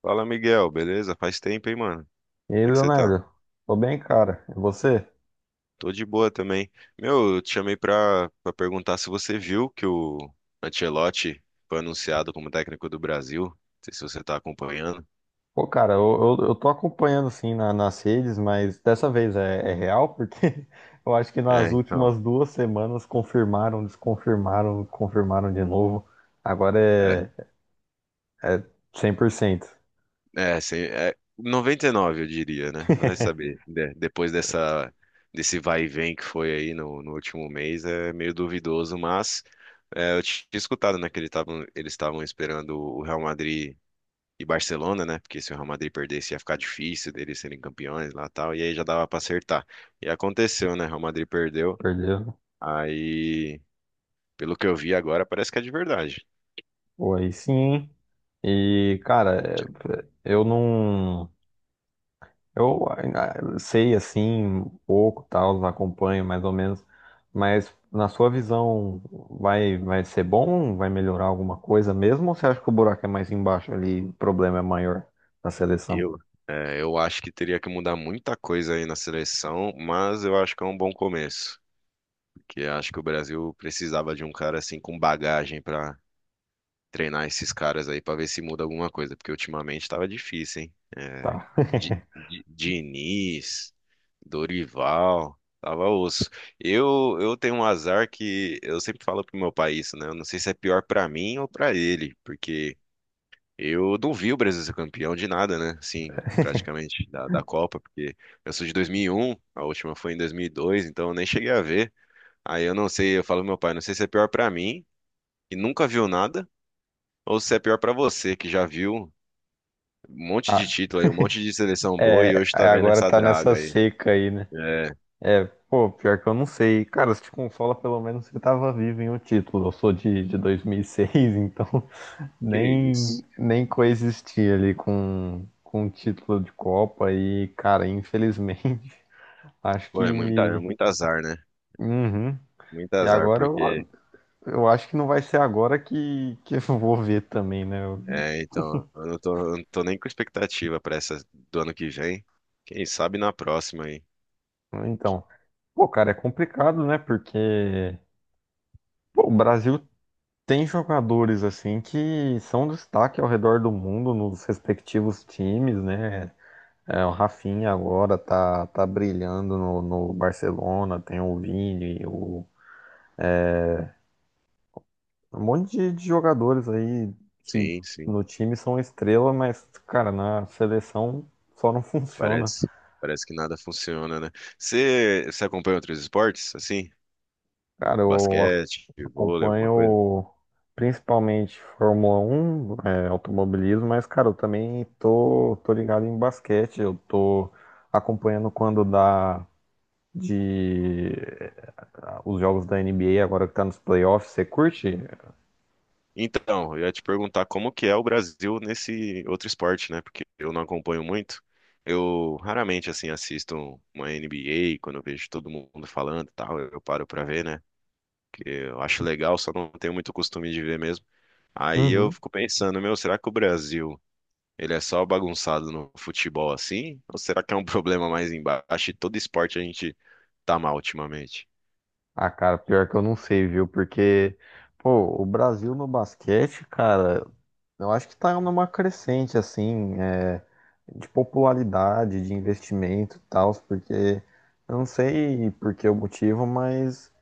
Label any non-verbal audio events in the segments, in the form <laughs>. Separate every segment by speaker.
Speaker 1: Fala, Miguel, beleza? Faz tempo, hein, mano?
Speaker 2: E aí,
Speaker 1: Como é que você tá?
Speaker 2: Leonardo? Tô bem, cara. E você?
Speaker 1: Tô de boa também. Meu, eu te chamei pra perguntar se você viu que o Ancelotti foi anunciado como técnico do Brasil. Não sei se você tá acompanhando.
Speaker 2: Pô, cara, eu tô acompanhando sim nas redes, mas dessa vez é real, porque <laughs> eu acho que nas
Speaker 1: É, então.
Speaker 2: últimas duas semanas confirmaram, desconfirmaram, confirmaram de novo. Agora
Speaker 1: É,
Speaker 2: é 100%.
Speaker 1: sim, é 99, eu diria, né? Vai
Speaker 2: <laughs>
Speaker 1: saber. Depois dessa, desse vai e vem que foi aí no último mês, é meio duvidoso, mas é, eu tinha escutado, né, que eles estavam esperando o Real Madrid e Barcelona, né? Porque se o Real Madrid perdesse, ia ficar difícil deles serem campeões lá e tal. E aí já dava pra acertar. E aconteceu, né? O Real Madrid perdeu.
Speaker 2: Perdeu?
Speaker 1: Aí, pelo que eu vi agora, parece que é de verdade.
Speaker 2: Pô, aí sim, hein? E, cara, eu não. Eu ainda sei assim um pouco, tal, acompanho mais ou menos, mas na sua visão vai ser bom? Vai melhorar alguma coisa mesmo? Ou você acha que o buraco é mais embaixo ali, o problema é maior da seleção?
Speaker 1: Eu, é, eu acho que teria que mudar muita coisa aí na seleção, mas eu acho que é um bom começo. Porque acho que o Brasil precisava de um cara assim com bagagem pra treinar esses caras aí pra ver se muda alguma coisa. Porque ultimamente tava difícil, hein? É,
Speaker 2: Tá.
Speaker 1: Diniz. Dorival, tava osso. Eu tenho um azar que eu sempre falo pro meu pai isso, né? Eu não sei se é pior pra mim ou pra ele, porque eu não vi o Brasil ser campeão de nada, né? Assim,
Speaker 2: <laughs>
Speaker 1: praticamente da Copa, porque eu sou de 2001, a última foi em 2002, então eu nem cheguei a ver. Aí eu não sei, eu falo pro meu pai, não sei se é pior pra mim, que nunca viu nada, ou se é pior pra você, que já viu um monte de
Speaker 2: Ah,
Speaker 1: título aí, um monte de seleção boa e
Speaker 2: é,
Speaker 1: hoje
Speaker 2: é,
Speaker 1: tá vendo
Speaker 2: agora
Speaker 1: essa
Speaker 2: tá nessa
Speaker 1: draga aí.
Speaker 2: seca aí, né?
Speaker 1: É,
Speaker 2: É, pô, pior que eu não sei. Cara, se te consola, pelo menos você tava vivo em um título. Eu sou de 2006, <laughs> então
Speaker 1: que
Speaker 2: nem,
Speaker 1: isso.
Speaker 2: nem coexistir ali com o título de Copa e, cara, infelizmente, <laughs> acho
Speaker 1: Pô, é
Speaker 2: que.
Speaker 1: muito azar, né?
Speaker 2: Uhum.
Speaker 1: Muito
Speaker 2: E
Speaker 1: azar,
Speaker 2: agora
Speaker 1: porque.
Speaker 2: eu, eu acho que não vai ser agora que eu vou ver também, né? Eu-
Speaker 1: É, então, eu não tô nem com expectativa pra essa do ano que vem. Quem sabe na próxima aí.
Speaker 2: então, pô, cara, é complicado, né? Porque pô, o Brasil tem jogadores assim que são destaque ao redor do mundo nos respectivos times, né? É, o Rafinha agora tá brilhando no Barcelona, tem o Vini, o um monte de jogadores aí que
Speaker 1: Sim, sim.
Speaker 2: no time são estrela, mas, cara, na seleção só não <laughs> funciona.
Speaker 1: Parece, parece que nada funciona, né? Você acompanha outros esportes, assim?
Speaker 2: Cara,
Speaker 1: Basquete, vôlei, alguma coisa?
Speaker 2: acompanho principalmente Fórmula 1 é, automobilismo, mas, cara, eu também tô ligado em basquete. Eu tô acompanhando quando dá de os jogos da NBA, agora que tá nos playoffs. Você curte?
Speaker 1: Então, eu ia te perguntar como que é o Brasil nesse outro esporte, né? Porque eu não acompanho muito. Eu raramente, assim, assisto uma NBA, quando eu vejo todo mundo falando e tal, eu paro pra ver, né? Eu acho legal, só não tenho muito costume de ver mesmo. Aí eu
Speaker 2: Uhum.
Speaker 1: fico pensando, meu, será que o Brasil, ele é só bagunçado no futebol assim? Ou será que é um <laughs> problema mais embaixo e todo esporte a gente tá mal ultimamente?
Speaker 2: Ah, cara, pior que eu não sei, viu? Porque, pô, o Brasil no basquete, cara. Eu acho que tá numa crescente, assim, é, de popularidade, de investimento e tal, porque eu não sei por que o motivo, mas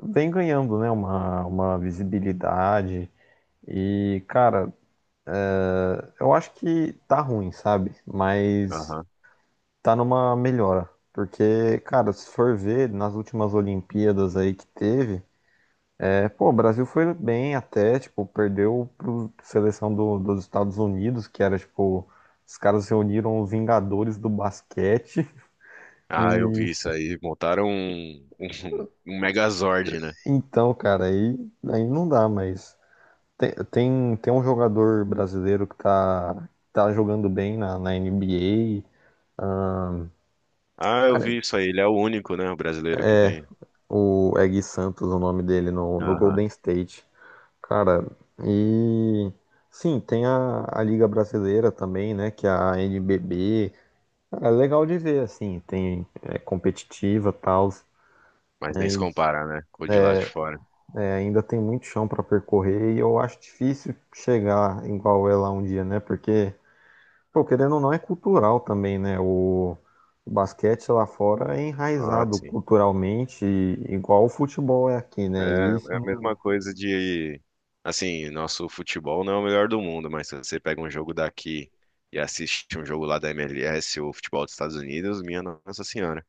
Speaker 2: vem ganhando, né, uma visibilidade. E, cara, eu acho que tá ruim, sabe? Mas
Speaker 1: Aham.
Speaker 2: tá numa melhora. Porque, cara, se for ver nas últimas Olimpíadas aí que teve, é, pô, o Brasil foi bem até, tipo, perdeu para seleção dos Estados Unidos, que era, tipo, os caras reuniram os Vingadores do basquete.
Speaker 1: Ah, eu
Speaker 2: E
Speaker 1: vi isso aí. Montaram <laughs> um Megazord, né?
Speaker 2: então, cara, aí, aí não dá, mas tem um jogador brasileiro que tá jogando bem na NBA.
Speaker 1: Ah, eu
Speaker 2: Cara,
Speaker 1: vi isso aí. Ele é o único, né, o brasileiro que tem.
Speaker 2: o é Gui Santos, o nome dele, no
Speaker 1: Aham.
Speaker 2: Golden State. Cara, e sim, tem a Liga Brasileira também, né? Que é a NBB. É legal de ver, assim, tem é competitiva, tal,
Speaker 1: Mas nem se
Speaker 2: mas
Speaker 1: compara, né, com o de lá de fora.
Speaker 2: é, ainda tem muito chão para percorrer e eu acho difícil chegar igual ela um dia, né? Porque, pô, querendo ou não, é cultural também, né? O basquete lá fora é
Speaker 1: Ah,
Speaker 2: enraizado
Speaker 1: sim.
Speaker 2: culturalmente, igual o futebol é aqui,
Speaker 1: É,
Speaker 2: né? E
Speaker 1: é a
Speaker 2: isso,
Speaker 1: mesma coisa de, assim, nosso futebol não é o melhor do mundo, mas se você pega um jogo daqui e assiste um jogo lá da MLS ou futebol dos Estados Unidos, minha Nossa Senhora.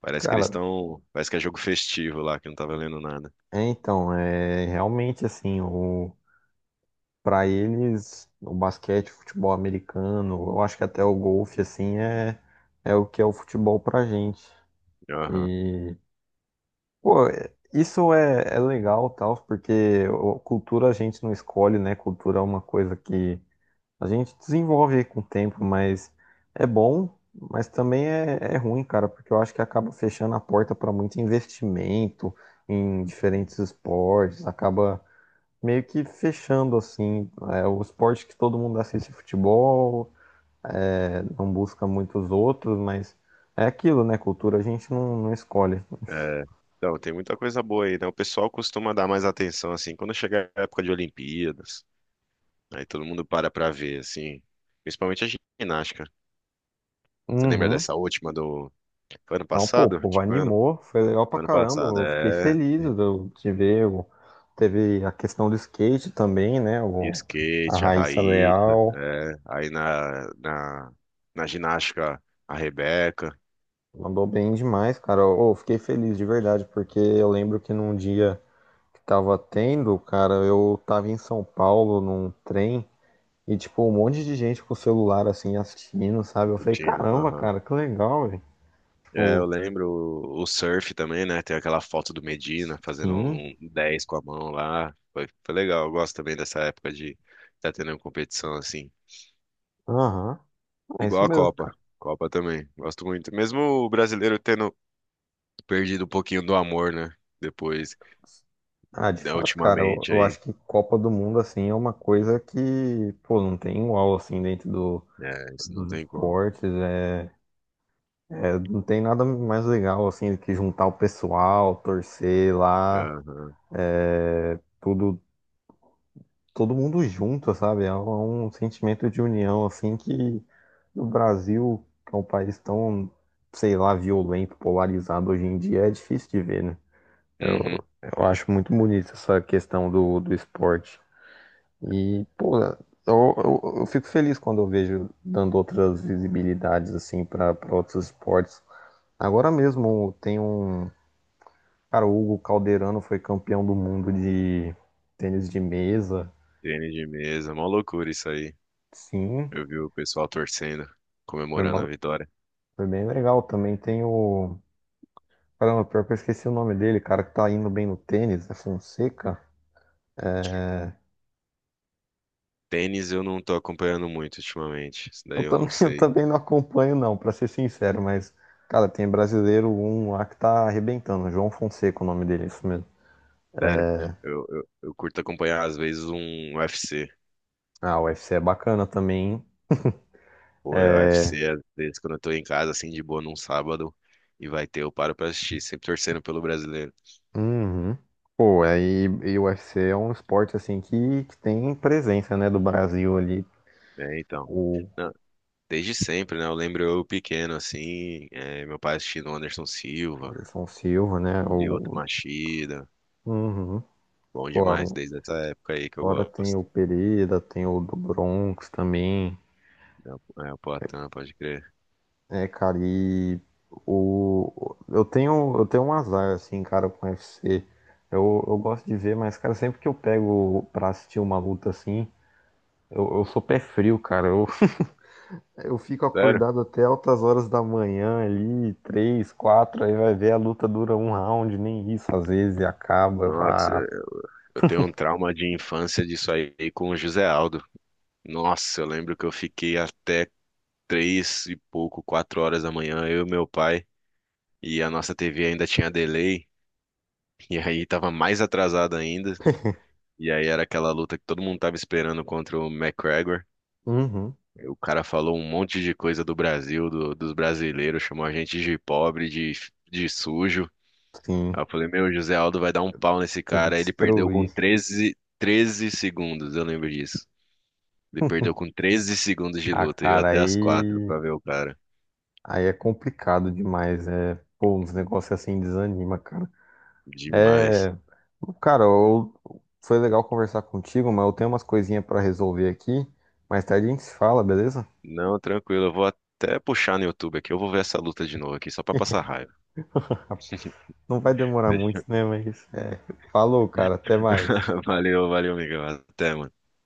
Speaker 1: Parece que eles
Speaker 2: cara,
Speaker 1: estão. Parece que é jogo festivo lá, que não tá valendo nada.
Speaker 2: é então, é realmente assim, o para eles, o basquete, o futebol americano, eu acho que até o golfe, assim, é, é o que é o futebol pra gente.
Speaker 1: Aham.
Speaker 2: E, pô, isso é legal, tal, porque o- cultura a gente não escolhe, né? Cultura é uma coisa que a gente desenvolve com o tempo, mas é bom, mas também é ruim, cara, porque eu acho que acaba fechando a porta para muito investimento em diferentes esportes, acaba meio que fechando assim, é o esporte que todo mundo assiste futebol, é, não busca muitos outros, mas é aquilo, né? Cultura a gente não escolhe.
Speaker 1: É, então, tem muita coisa boa aí, né? O pessoal costuma dar mais atenção, assim, quando chega a época de Olimpíadas, aí todo mundo para pra ver, assim, principalmente a ginástica. Você lembra
Speaker 2: Uhum.
Speaker 1: dessa última do. Foi ano
Speaker 2: Não, pô, o
Speaker 1: passado?
Speaker 2: povo
Speaker 1: Tipo,
Speaker 2: animou, foi legal pra
Speaker 1: foi ano
Speaker 2: caramba,
Speaker 1: passado,
Speaker 2: eu fiquei
Speaker 1: é.
Speaker 2: feliz de ver. O teve a questão do skate também, né?
Speaker 1: E
Speaker 2: O, a
Speaker 1: skate, a
Speaker 2: Raíssa
Speaker 1: Raíssa,
Speaker 2: Leal
Speaker 1: é. Aí na ginástica, a Rebeca
Speaker 2: mandou bem demais, cara. Eu fiquei feliz de verdade, porque eu lembro que num dia que tava tendo, cara, eu tava em São Paulo num trem. E, tipo, um monte de gente com o celular, assim, assistindo, sabe? Eu falei,
Speaker 1: assistindo.
Speaker 2: caramba,
Speaker 1: Aham.
Speaker 2: cara, que legal, velho.
Speaker 1: É, eu
Speaker 2: Tipo,
Speaker 1: lembro o surf também, né? Tem aquela foto do Medina fazendo
Speaker 2: sim,
Speaker 1: um 10 com a mão lá. Foi legal. Eu gosto também dessa época de estar tendo competição assim.
Speaker 2: aham, é
Speaker 1: Igual
Speaker 2: isso
Speaker 1: a
Speaker 2: mesmo,
Speaker 1: Copa.
Speaker 2: cara.
Speaker 1: Copa também. Gosto muito. Mesmo o brasileiro tendo perdido um pouquinho do amor, né? Depois,
Speaker 2: Ah, de
Speaker 1: né,
Speaker 2: fato, cara,
Speaker 1: ultimamente
Speaker 2: eu
Speaker 1: aí.
Speaker 2: acho que Copa do Mundo, assim, é uma coisa que, pô, não tem igual, assim, dentro
Speaker 1: É, isso não
Speaker 2: dos
Speaker 1: tem como.
Speaker 2: esportes, é, é, não tem nada mais legal, assim, do que juntar o pessoal, torcer lá,
Speaker 1: Aham.
Speaker 2: é, tudo todo mundo junto, sabe? É um sentimento de união, assim, que no Brasil, que é um país tão, sei lá, violento, polarizado hoje em dia, é difícil de ver, né?
Speaker 1: Uhum.
Speaker 2: Eu acho muito bonito essa questão do esporte. E, pô, eu fico feliz quando eu vejo dando outras visibilidades, assim, para outros esportes. Agora mesmo tem um. Cara, o Hugo Calderano foi campeão do mundo de tênis de mesa.
Speaker 1: Tênis de mesa, mó loucura isso aí.
Speaker 2: Sim,
Speaker 1: Eu vi o pessoal torcendo,
Speaker 2: foi
Speaker 1: comemorando a
Speaker 2: uma-
Speaker 1: vitória.
Speaker 2: foi bem legal. Também tem o caramba, pior que eu esqueci o nome dele, cara, que tá indo bem no tênis, é Fonseca. É,
Speaker 1: Tênis eu não tô acompanhando muito ultimamente, isso
Speaker 2: eu
Speaker 1: daí eu
Speaker 2: também,
Speaker 1: não
Speaker 2: <laughs> eu
Speaker 1: sei.
Speaker 2: também não acompanho, não, pra ser sincero, mas, cara, tem brasileiro um lá que tá arrebentando. João Fonseca, o nome dele, é isso mesmo.
Speaker 1: Sério, eu curto acompanhar às vezes um UFC.
Speaker 2: Ah, o UFC é bacana também, hein?
Speaker 1: Pô, é
Speaker 2: É.
Speaker 1: UFC, às vezes quando eu tô em casa, assim, de boa num sábado, e vai ter, eu paro pra assistir, sempre torcendo pelo brasileiro.
Speaker 2: Uhum. Pô, aí e o UFC é um esporte assim que tem presença, né, do Brasil ali,
Speaker 1: É, então.
Speaker 2: o
Speaker 1: Não, desde sempre, né? Eu lembro eu pequeno, assim, é, meu pai assistindo Anderson Silva,
Speaker 2: Anderson Silva, né?
Speaker 1: Lyoto
Speaker 2: O...
Speaker 1: Machida,
Speaker 2: Uhum.
Speaker 1: bom
Speaker 2: Pô,
Speaker 1: demais, desde essa época aí que eu
Speaker 2: fora tem
Speaker 1: gosto.
Speaker 2: o Pereira, tem o do Bronx também.
Speaker 1: É, o Poitin, pode crer.
Speaker 2: É, cara, e o... eu tenho um azar, assim, cara, com o UFC. Eu gosto de ver, mas, cara, sempre que eu pego pra assistir uma luta assim, eu sou pé frio, cara. Eu fico
Speaker 1: Sério?
Speaker 2: acordado até altas horas da manhã ali, três, quatro, aí vai ver a luta dura um round, nem isso às vezes, e acaba. Eu falo,
Speaker 1: Nossa,
Speaker 2: ah,
Speaker 1: eu tenho um trauma de infância disso aí com o José Aldo. Nossa, eu lembro que eu fiquei até 3 e pouco, 4 horas da manhã, eu e meu pai, e a nossa TV ainda tinha delay, e aí tava mais atrasada ainda. E aí era aquela luta que todo mundo tava esperando contra o McGregor.
Speaker 2: uhum,
Speaker 1: E o cara falou um monte de coisa do Brasil, dos brasileiros, chamou a gente de pobre, de sujo.
Speaker 2: sim,
Speaker 1: Aí eu falei, meu, o José Aldo vai dar um pau nesse
Speaker 2: tem que
Speaker 1: cara. Aí ele perdeu com
Speaker 2: destruir.
Speaker 1: 13 segundos, eu lembro disso. Ele perdeu com 13 segundos de
Speaker 2: Ah,
Speaker 1: luta, e eu
Speaker 2: cara,
Speaker 1: até as 4
Speaker 2: aí
Speaker 1: pra ver o cara.
Speaker 2: aí é complicado demais, é, pô, uns negócios assim desanima, cara.
Speaker 1: Demais.
Speaker 2: É, cara, eu- foi legal conversar contigo, mas eu tenho umas coisinhas pra resolver aqui. Mais tarde a gente se fala, beleza?
Speaker 1: Não, tranquilo, eu vou até puxar no YouTube aqui, eu vou ver essa luta de novo aqui, só pra passar raiva.
Speaker 2: Não vai demorar muito,
Speaker 1: Fechou.
Speaker 2: né? Mas é, falou, cara, até mais.
Speaker 1: <laughs> Valeu, valeu, amigo. Até, mano.